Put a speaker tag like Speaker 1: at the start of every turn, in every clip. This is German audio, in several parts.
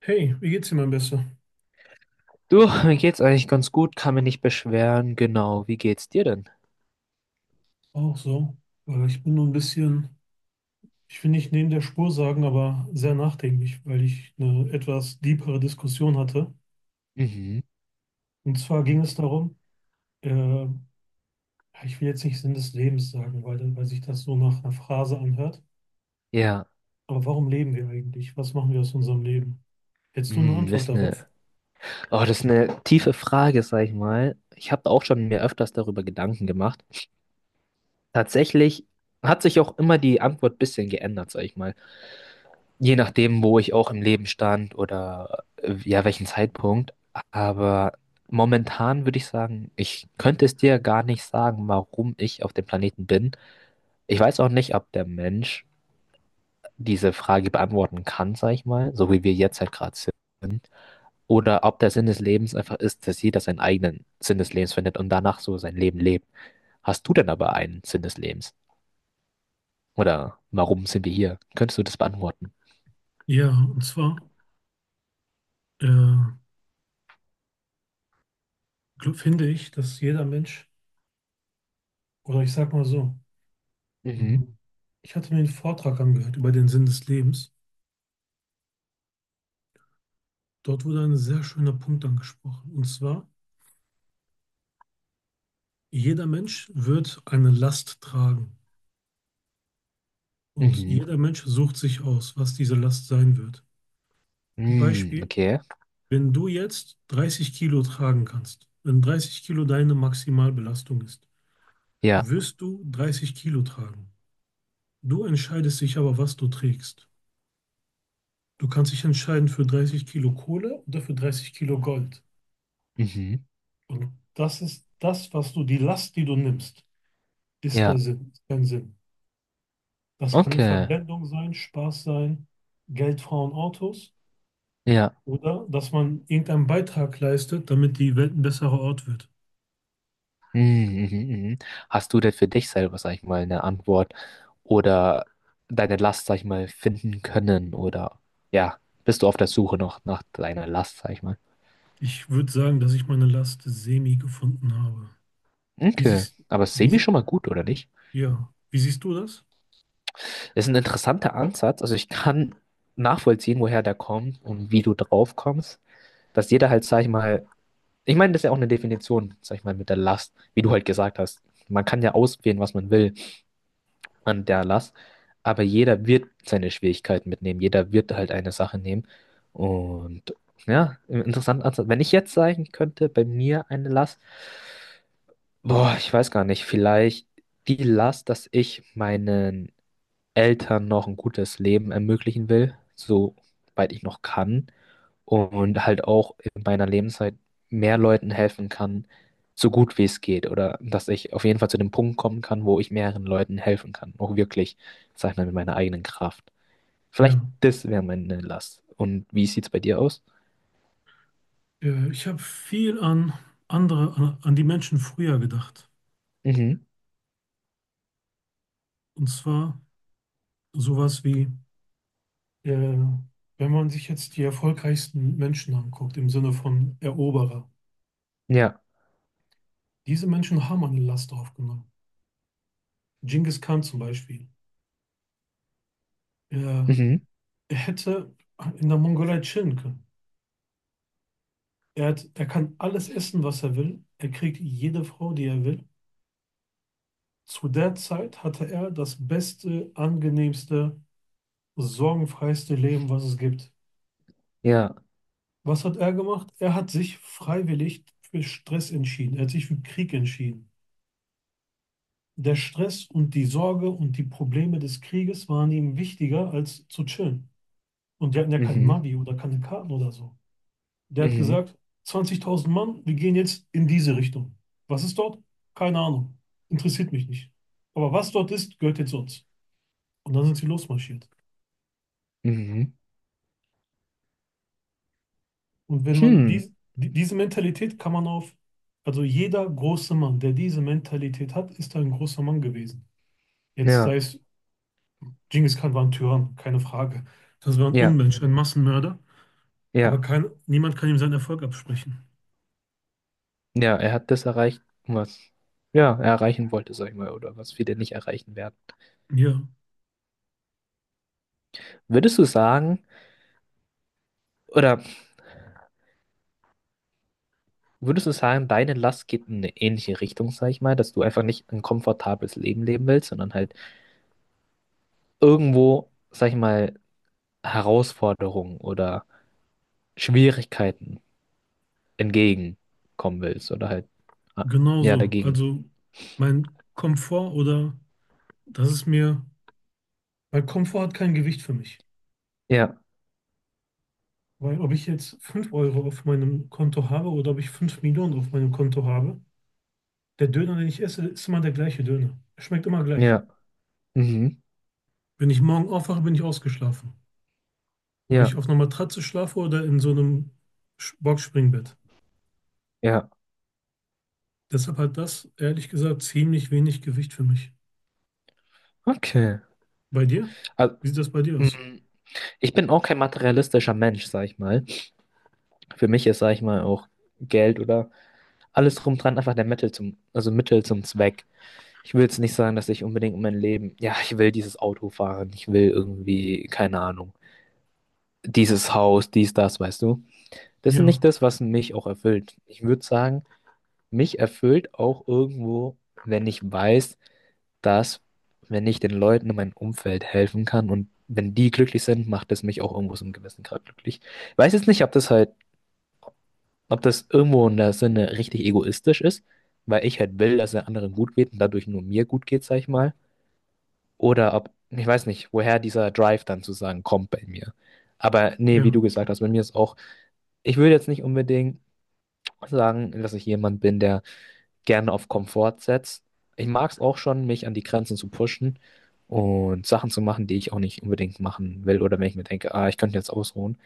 Speaker 1: Hey, wie geht's dir, mein Bester?
Speaker 2: Du, mir geht's eigentlich ganz gut, kann mich nicht beschweren. Genau, wie geht's dir denn?
Speaker 1: Auch so. Ich bin nur ein bisschen, ich will nicht neben der Spur sagen, aber sehr nachdenklich, weil ich eine etwas deepere Diskussion hatte.
Speaker 2: Mhm.
Speaker 1: Und zwar ging es darum, äh, ja, ich will jetzt nicht Sinn des Lebens sagen, weil sich das so nach einer Phrase anhört.
Speaker 2: Ja,
Speaker 1: Aber warum leben wir eigentlich? Was machen wir aus unserem Leben? Hättest du eine
Speaker 2: das
Speaker 1: Antwort
Speaker 2: ist
Speaker 1: darauf?
Speaker 2: eine, oh, das ist eine tiefe Frage, sag ich mal. Ich habe auch schon mir öfters darüber Gedanken gemacht. Tatsächlich hat sich auch immer die Antwort ein bisschen geändert, sag ich mal. Je nachdem, wo ich auch im Leben stand oder ja, welchen Zeitpunkt. Aber momentan würde ich sagen, ich könnte es dir gar nicht sagen, warum ich auf dem Planeten bin. Ich weiß auch nicht, ob der Mensch diese Frage beantworten kann, sag ich mal, so wie wir jetzt halt gerade sind. Oder ob der Sinn des Lebens einfach ist, dass jeder seinen eigenen Sinn des Lebens findet und danach so sein Leben lebt. Hast du denn aber einen Sinn des Lebens? Oder warum sind wir hier? Könntest du das beantworten?
Speaker 1: Ja, und zwar äh, finde ich, dass jeder Mensch, oder ich sag mal so,
Speaker 2: Mhm.
Speaker 1: mhm, ich hatte mir einen Vortrag angehört über den Sinn des Lebens. Dort wurde ein sehr schöner Punkt angesprochen. Und zwar, jeder Mensch wird eine Last tragen. Und
Speaker 2: Mhm.
Speaker 1: jeder Mensch sucht sich aus, was diese Last sein wird. Ein
Speaker 2: Mhm.
Speaker 1: Beispiel,
Speaker 2: Okay.
Speaker 1: wenn du jetzt 30 Kilo tragen kannst, wenn 30 Kilo deine Maximalbelastung ist,
Speaker 2: Ja.
Speaker 1: wirst du 30 Kilo tragen. Du entscheidest dich aber, was du trägst. Du kannst dich entscheiden für 30 Kilo Kohle oder für 30 Kilo Gold.
Speaker 2: Mhm.
Speaker 1: Und das ist das, was du, die Last, die du nimmst, ist der
Speaker 2: Ja.
Speaker 1: Sinn, ist dein Sinn. Das kann eine
Speaker 2: Okay.
Speaker 1: Verblendung sein, Spaß sein, Geld, Frauen, Autos
Speaker 2: Ja.
Speaker 1: oder dass man irgendeinen Beitrag leistet, damit die Welt ein besserer Ort wird.
Speaker 2: Mhm, mhm, mhm. Hast du denn für dich selber, sag ich mal, eine Antwort oder deine Last, sag ich mal, finden können oder ja, bist du auf der Suche noch nach deiner Last, sag ich mal?
Speaker 1: Ich würde sagen, dass ich meine Last semi gefunden habe. Wie
Speaker 2: Okay,
Speaker 1: siehst,
Speaker 2: aber
Speaker 1: wie,
Speaker 2: semi
Speaker 1: sie-
Speaker 2: schon mal gut, oder nicht?
Speaker 1: ja, wie siehst du das?
Speaker 2: Ist ein interessanter Ansatz, also ich kann nachvollziehen, woher der kommt und wie du drauf kommst, dass jeder halt, sag ich mal, ich meine, das ist ja auch eine Definition, sag ich mal, mit der Last, wie du halt gesagt hast. Man kann ja auswählen, was man will an der Last. Aber jeder wird seine Schwierigkeiten mitnehmen. Jeder wird halt eine Sache nehmen. Und ja, interessant. Also, wenn ich jetzt sagen könnte, bei mir eine Last, boah, ich weiß gar nicht, vielleicht die Last, dass ich meinen Eltern noch ein gutes Leben ermöglichen will, soweit ich noch kann und halt auch in meiner Lebenszeit mehr Leuten helfen kann, so gut wie es geht. Oder dass ich auf jeden Fall zu dem Punkt kommen kann, wo ich mehreren Leuten helfen kann. Auch wirklich, sag ich mal, mit meiner eigenen Kraft. Vielleicht
Speaker 1: Ja.
Speaker 2: das wäre meine Last. Und wie sieht's bei dir aus?
Speaker 1: Ich habe viel an andere, an, an die Menschen früher gedacht.
Speaker 2: Mhm.
Speaker 1: Und zwar sowas wie, äh, wenn man sich jetzt die erfolgreichsten Menschen anguckt, im Sinne von Eroberer.
Speaker 2: Ja.
Speaker 1: Diese Menschen haben eine Last aufgenommen. Genghis Khan zum Beispiel. Er,
Speaker 2: Mhm.
Speaker 1: er hätte in der Mongolei chillen können. Er hat, er kann alles essen, was er will. Er kriegt jede Frau, die er will. Zu der Zeit hatte er das beste, angenehmste, sorgenfreiste Leben, was es gibt.
Speaker 2: Ja.
Speaker 1: Was hat er gemacht? Er hat sich freiwillig für Stress entschieden. Er hat sich für Krieg entschieden. Der Stress und die Sorge und die Probleme des Krieges waren ihm wichtiger als zu chillen. Und die hatten ja kein
Speaker 2: Mhm.
Speaker 1: Navi oder keine Karten oder so. Der hat
Speaker 2: Mhm.
Speaker 1: gesagt, 20.000 Mann, wir gehen jetzt in diese Richtung. Was ist dort? Keine Ahnung. Interessiert mich nicht. Aber was dort ist, gehört jetzt uns. Und dann sind sie losmarschiert.
Speaker 2: Mhm.
Speaker 1: Und wenn man
Speaker 2: Hm.
Speaker 1: dies, die, diese Mentalität kann man auf, also jeder große Mann, der diese Mentalität hat, ist ein großer Mann gewesen. Jetzt
Speaker 2: Ja.
Speaker 1: sei es, Genghis Khan war ein Tyrann, keine Frage. Das war ein
Speaker 2: Ja.
Speaker 1: Unmensch, ein Massenmörder.
Speaker 2: Ja.
Speaker 1: Aber kein, niemand kann ihm seinen Erfolg absprechen.
Speaker 2: Ja, er hat das erreicht, was ja, er erreichen wollte, sag ich mal, oder was viele nicht erreichen werden.
Speaker 1: Ja,
Speaker 2: Würdest du sagen, oder würdest du sagen, deine Last geht in eine ähnliche Richtung, sag ich mal, dass du einfach nicht ein komfortables Leben leben willst, sondern halt irgendwo, sag ich mal, Herausforderungen oder Schwierigkeiten entgegenkommen willst oder halt, ah,
Speaker 1: genau
Speaker 2: ja,
Speaker 1: so.
Speaker 2: dagegen.
Speaker 1: Also mein Komfort oder das ist mir. Weil Komfort hat kein Gewicht für mich.
Speaker 2: Ja,
Speaker 1: Weil ob ich jetzt 5 Euro auf meinem Konto habe oder ob ich 5 Millionen auf meinem Konto habe, der Döner, den ich esse, ist immer der gleiche Döner. Er schmeckt immer gleich.
Speaker 2: ja, mhm,
Speaker 1: Wenn ich morgen aufwache, bin ich ausgeschlafen. Ob ich
Speaker 2: ja,
Speaker 1: auf einer Matratze schlafe oder in so einem Boxspringbett.
Speaker 2: ja,
Speaker 1: Deshalb hat das, ehrlich gesagt, ziemlich wenig Gewicht für mich.
Speaker 2: okay.
Speaker 1: Bei dir?
Speaker 2: Also,
Speaker 1: Wie sieht das bei dir aus?
Speaker 2: mm, ich bin auch kein materialistischer Mensch, sag ich mal. Für mich ist, sag ich mal, auch Geld oder alles drum dran einfach der Mittel zum, also Mittel zum Zweck. Ich will jetzt nicht sagen, dass ich unbedingt mein Leben, ja, ich will dieses Auto fahren, ich will irgendwie, keine Ahnung, dieses Haus, dies, das, weißt du? Das ist
Speaker 1: Ja,
Speaker 2: nicht das, was mich auch erfüllt. Ich würde sagen, mich erfüllt auch irgendwo, wenn ich weiß, dass, wenn ich den Leuten in meinem Umfeld helfen kann und wenn die glücklich sind, macht es mich auch irgendwo so einem gewissen Grad glücklich. Ich weiß jetzt nicht, ob das halt, ob das irgendwo in der Sinne richtig egoistisch ist, weil ich halt will, dass es anderen gut geht und dadurch nur mir gut geht, sag ich mal. Oder ob, ich weiß nicht, woher dieser Drive dann zu sagen kommt bei mir. Aber nee, wie du
Speaker 1: ja,
Speaker 2: gesagt hast, bei mir ist auch, ich würde jetzt nicht unbedingt sagen, dass ich jemand bin, der gerne auf Komfort setzt. Ich mag es auch schon, mich an die Grenzen zu pushen und Sachen zu machen, die ich auch nicht unbedingt machen will. Oder wenn ich mir denke, ah, ich könnte jetzt ausruhen,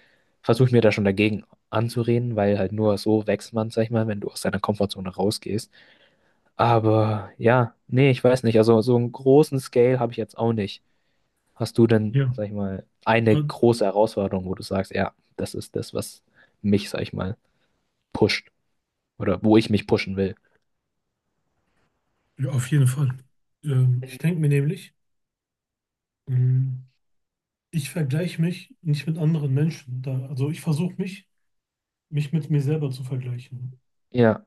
Speaker 2: versuche ich mir da schon dagegen anzureden, weil halt nur so wächst man, sag ich mal, wenn du aus deiner Komfortzone rausgehst. Aber ja, nee, ich weiß nicht. Also so einen großen Scale habe ich jetzt auch nicht. Hast du denn,
Speaker 1: ja.
Speaker 2: sag ich mal, eine
Speaker 1: Äh,
Speaker 2: große Herausforderung, wo du sagst, ja, das ist das, was mich, sag ich mal, pusht oder wo ich mich pushen will?
Speaker 1: Ja, auf jeden Fall. Ich
Speaker 2: Mhm.
Speaker 1: denke mir nämlich, mh, Ich vergleiche mich nicht mit anderen Menschen. Da, also ich versuche mich mit mir selber zu vergleichen.
Speaker 2: Ja,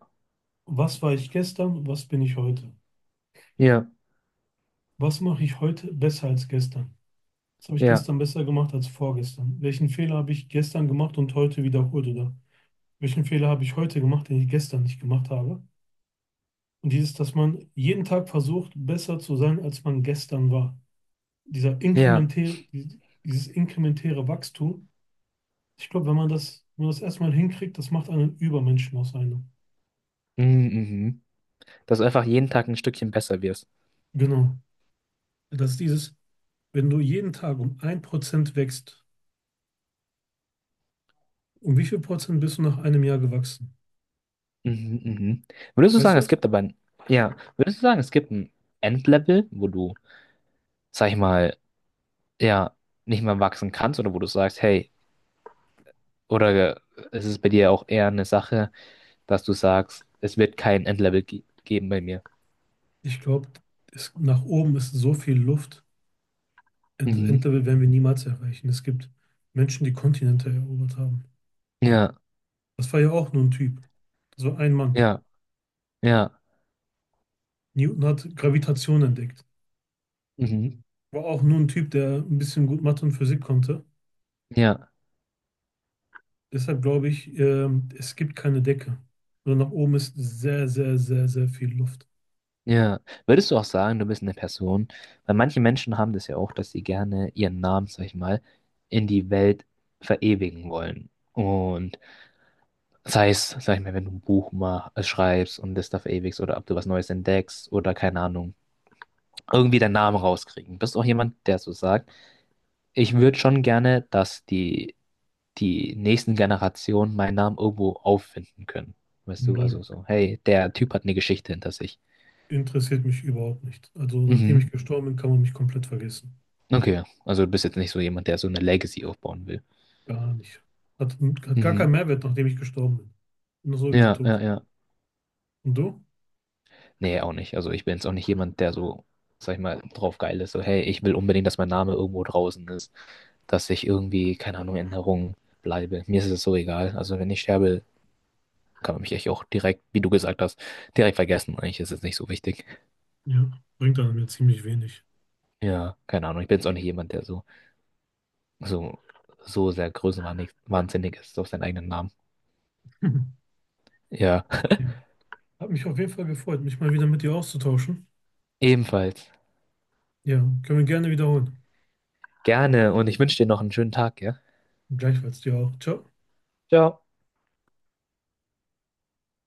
Speaker 1: Was war ich gestern und was bin ich heute?
Speaker 2: ja,
Speaker 1: Was mache ich heute besser als gestern? Was habe ich
Speaker 2: ja,
Speaker 1: gestern besser gemacht als vorgestern? Welchen Fehler habe ich gestern gemacht und heute wiederholt? Oder welchen Fehler habe ich heute gemacht, den ich gestern nicht gemacht habe? Und dieses, dass man jeden Tag versucht, besser zu sein, als man gestern war. Dieser
Speaker 2: ja.
Speaker 1: inkrementäre, dieses inkrementäre Wachstum, ich glaube, wenn man das erstmal hinkriegt, das macht einen Übermenschen aus einem.
Speaker 2: Mhm, mhm. Dass du einfach jeden Tag ein Stückchen besser wirst.
Speaker 1: Genau. Das ist dieses, wenn du jeden Tag um ein Prozent wächst, um wie viel Prozent bist du nach einem Jahr gewachsen?
Speaker 2: Mhm, mhm. Würdest du
Speaker 1: Weißt
Speaker 2: sagen,
Speaker 1: du
Speaker 2: es
Speaker 1: das?
Speaker 2: gibt aber ein, ja, würdest du sagen, es gibt ein Endlevel, wo du, sag ich mal, ja, nicht mehr wachsen kannst oder wo du sagst, hey, oder ist es bei dir auch eher eine Sache, dass du sagst, es wird kein Endlevel ge geben bei mir?
Speaker 1: Ich glaube, nach oben ist so viel Luft.
Speaker 2: Mhm.
Speaker 1: Endlevel werden wir niemals erreichen. Es gibt Menschen, die Kontinente erobert haben.
Speaker 2: Ja,
Speaker 1: Das war ja auch nur ein Typ. Das war ein Mann.
Speaker 2: ja, ja,
Speaker 1: Newton hat Gravitation entdeckt.
Speaker 2: mhm,
Speaker 1: War auch nur ein Typ, der ein bisschen gut Mathe und Physik konnte.
Speaker 2: ja,
Speaker 1: Deshalb glaube ich, es gibt keine Decke. Sondern nach oben ist sehr, sehr, sehr, sehr viel Luft.
Speaker 2: ja. Würdest du auch sagen, du bist eine Person, weil manche Menschen haben das ja auch, dass sie gerne ihren Namen, sag ich mal, in die Welt verewigen wollen. Und sei es, sag ich mal, wenn du ein schreibst und das da verewigst oder ob du was Neues entdeckst oder keine Ahnung, irgendwie deinen Namen rauskriegen. Bist du auch jemand, der so sagt, ich würde schon gerne, dass die, die nächsten Generationen meinen Namen irgendwo auffinden können. Weißt du, also
Speaker 1: Null.
Speaker 2: so, hey, der Typ hat eine Geschichte hinter sich.
Speaker 1: Interessiert mich überhaupt nicht. Also nachdem
Speaker 2: Mhm.
Speaker 1: ich gestorben bin, kann man mich komplett vergessen.
Speaker 2: Okay, also du bist jetzt nicht so jemand, der so eine Legacy aufbauen will.
Speaker 1: Gar nicht. Hat gar keinen
Speaker 2: Mhm.
Speaker 1: Mehrwert, nachdem ich gestorben bin. Bin sowieso
Speaker 2: Ja, ja,
Speaker 1: tot.
Speaker 2: ja.
Speaker 1: Und du?
Speaker 2: Nee, auch nicht. Also ich bin jetzt auch nicht jemand, der so, sag ich mal, drauf geil ist. So, hey, ich will unbedingt, dass mein Name irgendwo draußen ist. Dass ich irgendwie, keine Ahnung, in Erinnerung bleibe. Mir ist es so egal. Also wenn ich sterbe, kann man mich echt auch direkt, wie du gesagt hast, direkt vergessen. Eigentlich ist es nicht so wichtig.
Speaker 1: Ja, bringt einem ja ziemlich wenig.
Speaker 2: Ja, keine Ahnung. Ich bin jetzt auch nicht jemand, der so, so, so sehr größenwahnsinnig wahnsinnig ist auf seinen eigenen Namen. Ja,
Speaker 1: Ja. Hat mich auf jeden Fall gefreut, mich mal wieder mit dir auszutauschen.
Speaker 2: ebenfalls.
Speaker 1: Ja, können wir gerne wiederholen.
Speaker 2: Gerne und ich wünsche dir noch einen schönen Tag, ja?
Speaker 1: Gleichfalls dir auch. Ciao.
Speaker 2: Ciao.